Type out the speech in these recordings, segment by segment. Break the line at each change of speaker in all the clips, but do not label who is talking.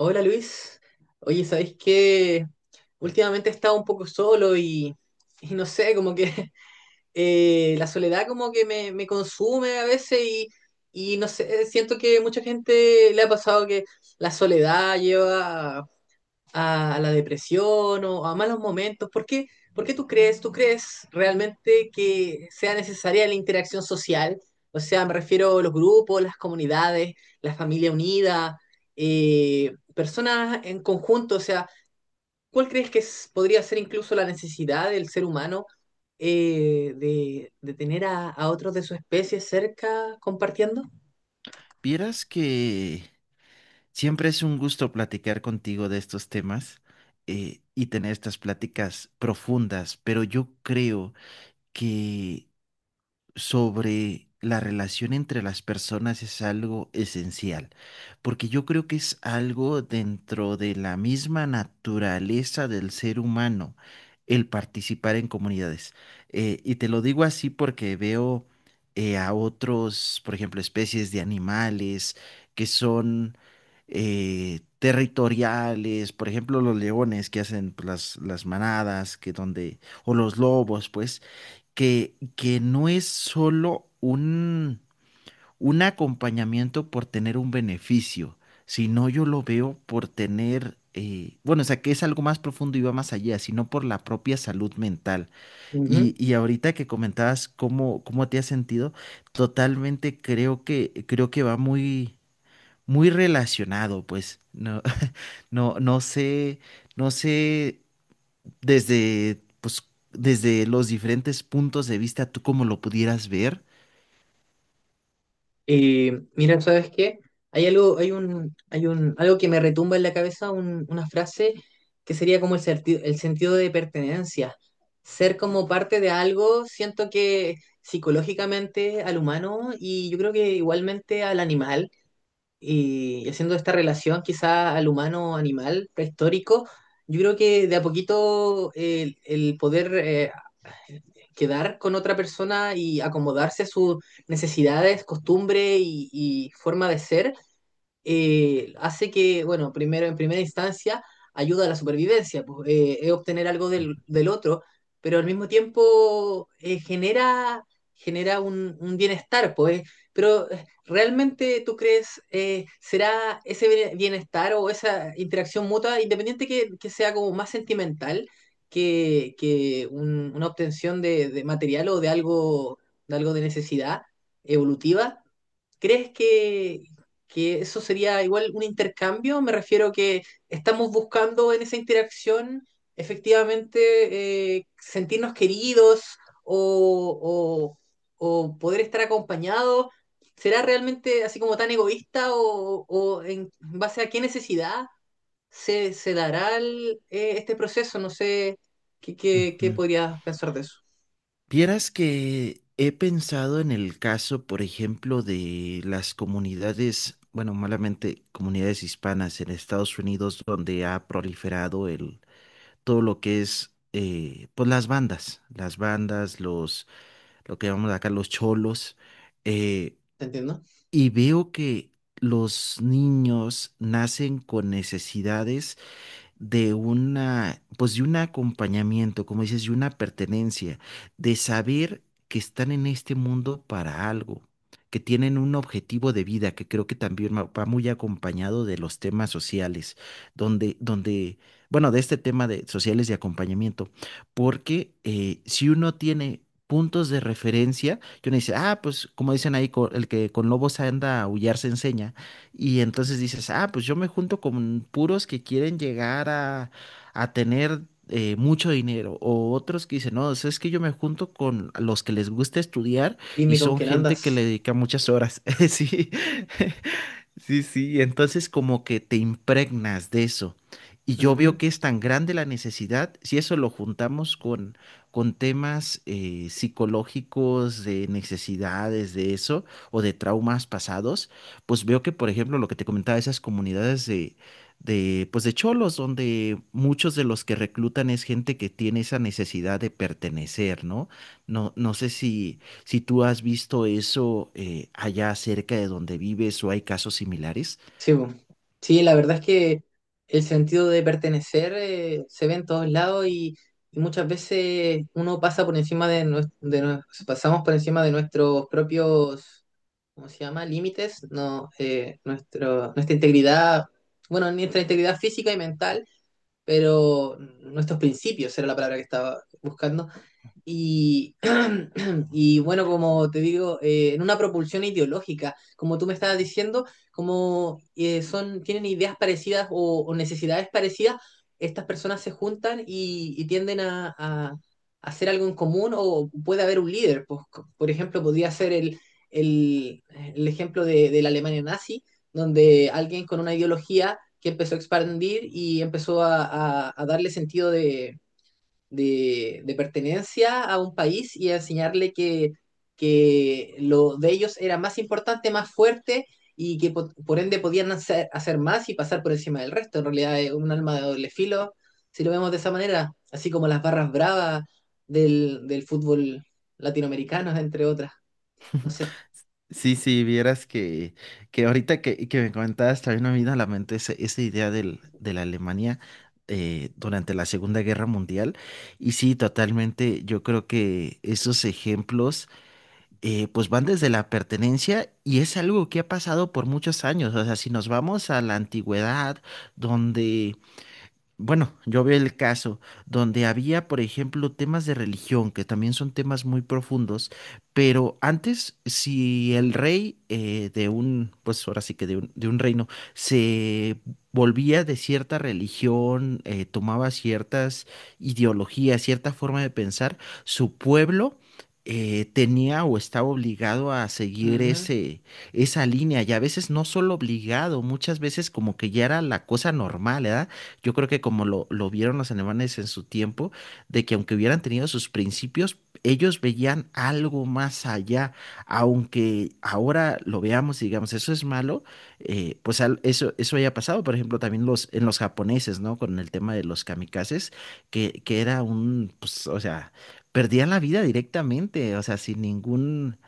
Hola Luis, oye, ¿sabéis que últimamente he estado un poco solo y no sé, como que la soledad como que me consume a veces y no sé, siento que mucha gente le ha pasado que la soledad lleva a la depresión o a malos momentos? Por qué tú crees realmente que sea necesaria la interacción social? O sea, me refiero a los grupos, las comunidades, la familia unida, personas en conjunto. O sea, ¿cuál crees que podría ser incluso la necesidad del ser humano de tener a otros de su especie cerca compartiendo?
Vieras que siempre es un gusto platicar contigo de estos temas, y tener estas pláticas profundas, pero yo creo que sobre la relación entre las personas es algo esencial, porque yo creo que es algo dentro de la misma naturaleza del ser humano el participar en comunidades. Y te lo digo así porque veo a otros, por ejemplo, especies de animales que son... territoriales, por ejemplo, los leones que hacen, pues, las manadas, que donde, o los lobos, pues, que no es solo un acompañamiento por tener un beneficio, sino yo lo veo por tener, bueno, o sea, que es algo más profundo y va más allá, sino por la propia salud mental. Y ahorita que comentabas cómo, cómo te has sentido, totalmente creo que va muy, muy relacionado, pues, no, no, no sé, no sé desde, pues, desde los diferentes puntos de vista, tú como lo pudieras ver.
Y mira, ¿sabes qué? Hay algo que me retumba en la cabeza, una frase que sería como el sentido de pertenencia. Ser como parte de algo, siento que psicológicamente al humano y yo creo que igualmente al animal, y haciendo esta relación quizá al humano-animal prehistórico, yo creo que de a poquito el poder quedar con otra persona y acomodarse a sus necesidades, costumbres y forma de ser, hace que, bueno, primero en primera instancia ayuda a la supervivencia, pues, es obtener algo del otro, pero al mismo tiempo genera, genera un bienestar, pues. Pero ¿realmente tú crees, será ese bienestar o esa interacción mutua, independiente que sea como más sentimental que una obtención de material o de algo, de algo de necesidad evolutiva? ¿Crees que eso sería igual un intercambio? Me refiero que estamos buscando en esa interacción efectivamente sentirnos queridos o o poder estar acompañados. ¿Será realmente así como tan egoísta o en base a qué necesidad se dará el, este proceso? No sé qué, qué
Ujú.
podrías pensar de eso.
Vieras que he pensado en el caso, por ejemplo, de las comunidades, bueno, malamente comunidades hispanas en Estados Unidos, donde ha proliferado el, todo lo que es, pues las bandas, los, lo que llamamos acá los cholos, eh,
¿Te entiendo?
y veo que los niños nacen con necesidades de una, pues de un acompañamiento, como dices, de una pertenencia, de saber que están en este mundo para algo, que tienen un objetivo de vida, que creo que también va muy acompañado de los temas sociales, donde, donde, bueno, de este tema de sociales de acompañamiento, porque si uno tiene puntos de referencia, que uno dice, ah, pues como dicen ahí, el que con lobos anda a aullar se enseña, y entonces dices, ah, pues yo me junto con puros que quieren llegar a tener mucho dinero. O otros que dicen, no, o sea, es que yo me junto con los que les gusta estudiar y
Dime con
son
quién
gente que le
andas.
dedica muchas horas. Sí, sí, sí. Entonces como que te impregnas de eso. Y yo veo que es tan grande la necesidad, si eso lo juntamos con temas psicológicos, de necesidades, de eso, o de traumas pasados, pues veo que, por ejemplo, lo que te comentaba, esas comunidades pues de cholos, donde muchos de los que reclutan es gente que tiene esa necesidad de pertenecer, ¿no? No, no sé
Ujú.
si, si tú has visto eso, allá cerca de donde vives, o hay casos similares.
Sí, po. Sí, la verdad es que el sentido de pertenecer se ve en todos lados y muchas veces uno pasa por encima de, pasamos por encima de nuestros propios, ¿cómo se llama? Límites, no, nuestra integridad, bueno, nuestra integridad física y mental, pero nuestros principios era la palabra que estaba buscando y, y bueno, como te digo, en una propulsión ideológica, como tú me estabas diciendo, como son, tienen ideas parecidas o necesidades parecidas, estas personas se juntan y tienden a a- hacer algo en común o puede haber un líder. Pues, por ejemplo, podría ser el, el ejemplo de la Alemania nazi, donde alguien con una ideología que empezó a expandir y empezó a darle sentido de pertenencia a un país y a enseñarle que lo de ellos era más importante, más fuerte y que por ende podían hacer, hacer más y pasar por encima del resto. En realidad es un alma de doble filo, si lo vemos de esa manera, así como las barras bravas del fútbol latinoamericano, entre otras. No sé.
Sí, sí, vieras que ahorita que me comentabas, también me vino a la mente esa idea del, de la Alemania durante la Segunda Guerra Mundial. Y sí, totalmente, yo creo que esos ejemplos, pues, van desde la pertenencia y es algo que ha pasado por muchos años. O sea, si nos vamos a la antigüedad, donde, bueno, yo veo el caso donde había, por ejemplo, temas de religión, que también son temas muy profundos, pero antes, si el rey, de un, pues ahora sí que de un reino, se volvía de cierta religión, tomaba ciertas ideologías, cierta forma de pensar, su pueblo... tenía o estaba obligado a seguir
Ujú.
ese, esa línea, y a veces no solo obligado, muchas veces como que ya era la cosa normal, ¿verdad? Yo creo que como lo vieron los alemanes en su tiempo, de que aunque hubieran tenido sus principios, ellos veían algo más allá, aunque ahora lo veamos y digamos, eso es malo, eso, eso haya pasado, por ejemplo, también los, en los japoneses, ¿no? Con el tema de los kamikazes, que era un, pues, o sea, perdían la vida directamente, o sea, sin ningún,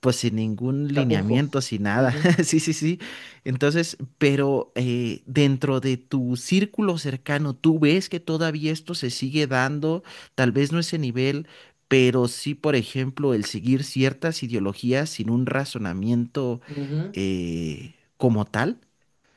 pues, sin ningún
Chapujo.
lineamiento, sin nada.
Ujú,
Sí, sí, sí. Entonces, pero dentro de tu círculo cercano, ¿tú ves que todavía esto se sigue dando? Tal vez no ese nivel, pero sí, por ejemplo, el seguir ciertas ideologías sin un razonamiento,
ujú.
como tal.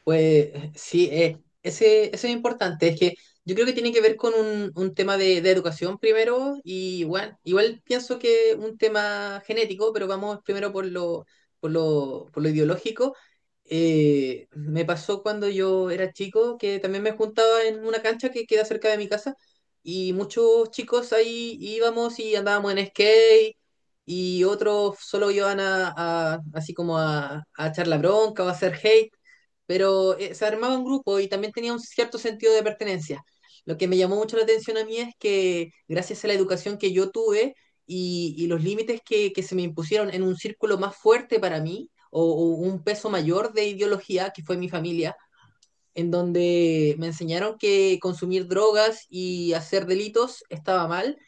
Pues sí, ese, eso es importante. Es que yo creo que tiene que ver con un tema de educación primero y bueno, igual pienso que un tema genético, pero vamos primero por lo, por lo ideológico. Me pasó cuando yo era chico que también me juntaba en una cancha que queda cerca de mi casa y muchos chicos ahí íbamos y andábamos en skate y otros solo iban así como a echar la bronca o a hacer hate pero se armaba un grupo y también tenía un cierto sentido de pertenencia. Lo que me llamó mucho la atención a mí es que gracias a la educación que yo tuve y los límites que se me impusieron en un círculo más fuerte para mí, o un peso mayor de ideología, que fue mi familia, en donde me enseñaron que consumir drogas y hacer delitos estaba mal,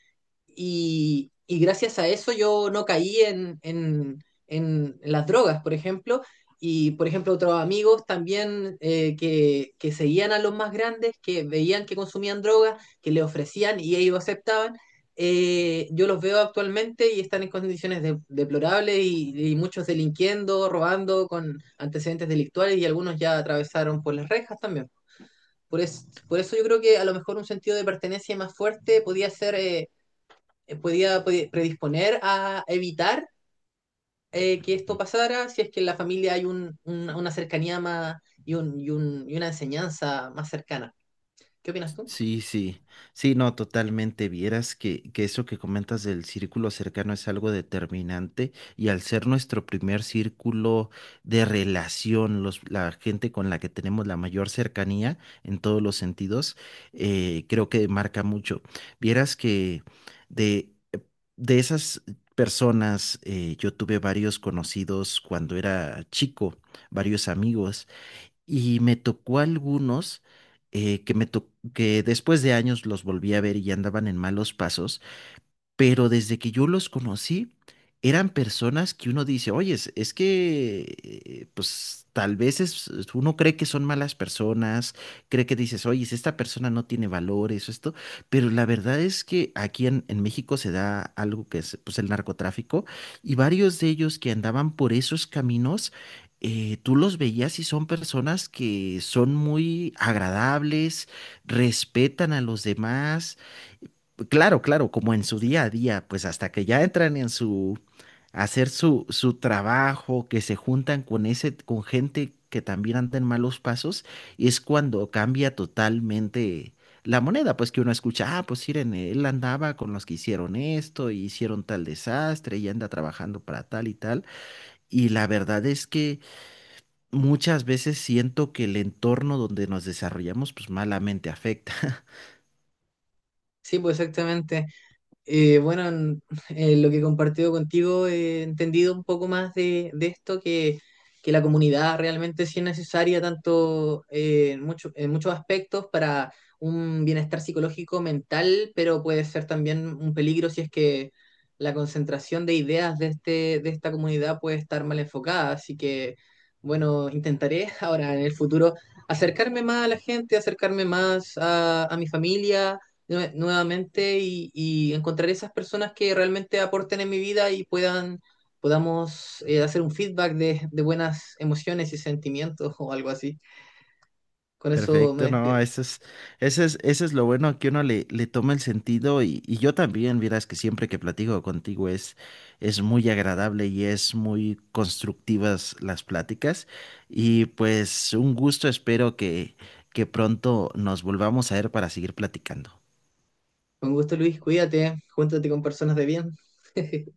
y gracias a eso yo no caí en las drogas, por ejemplo. Y, por ejemplo, otros amigos también que seguían a los más grandes, que veían que consumían drogas, que le ofrecían y ellos aceptaban. Eh, yo los veo actualmente y están en condiciones deplorables y muchos delinquiendo, robando con antecedentes delictuales y algunos ya atravesaron por las rejas también. Por, por eso yo creo que a lo mejor un sentido de pertenencia más fuerte podía ser podía predisponer a evitar que esto pasara si es que en la familia hay una cercanía más y y una enseñanza más cercana. ¿Qué opinas tú?
Sí, sí, sí, no, totalmente. Vieras que eso que comentas del círculo cercano es algo determinante, y al ser nuestro primer círculo de relación, los, la gente con la que tenemos la mayor cercanía en todos los sentidos, creo que marca mucho. Vieras que de, de esas personas, yo tuve varios conocidos cuando era chico, varios amigos. Y me tocó algunos, que después de años los volví a ver, y ya andaban en malos pasos, pero desde que yo los conocí, eran personas que uno dice, oye, es que, pues tal vez uno cree que son malas personas, cree que dices, oye, es, esta persona no tiene valores o esto, pero la verdad es que aquí en México se da algo que es, pues, el narcotráfico, y varios de ellos que andaban por esos caminos. Tú los veías y son personas que son muy agradables, respetan a los demás, claro, claro, como en su día a día, pues hasta que ya entran en su, a hacer su trabajo, que se juntan con ese, con gente que también anda en malos pasos, y es cuando cambia totalmente la moneda, pues que uno escucha, ah, pues miren, él andaba con los que hicieron esto, y hicieron tal desastre, y anda trabajando para tal y tal, y la verdad es que muchas veces siento que el entorno donde nos desarrollamos, pues, malamente afecta.
Sí, pues exactamente. Eh, bueno, en, en lo que he compartido contigo he entendido un poco más de esto, que la comunidad realmente sí es necesaria tanto en muchos aspectos para un bienestar psicológico, mental, pero puede ser también un peligro si es que la concentración de ideas de, este, de esta comunidad puede estar mal enfocada. Así que, bueno, intentaré ahora en el futuro acercarme más a la gente, acercarme más a mi familia nuevamente y encontrar esas personas que realmente aporten en mi vida y puedan, podamos hacer un feedback de buenas emociones y sentimientos o algo así. Con eso me
Perfecto, no,
despido.
eso es, eso es, eso es lo bueno, que uno le, le toma el sentido, y yo también, verás que siempre que platico contigo es muy agradable y es muy constructivas las pláticas, y pues un gusto, espero que pronto nos volvamos a ver para seguir platicando.
Con gusto, Luis, cuídate, júntate con personas de bien.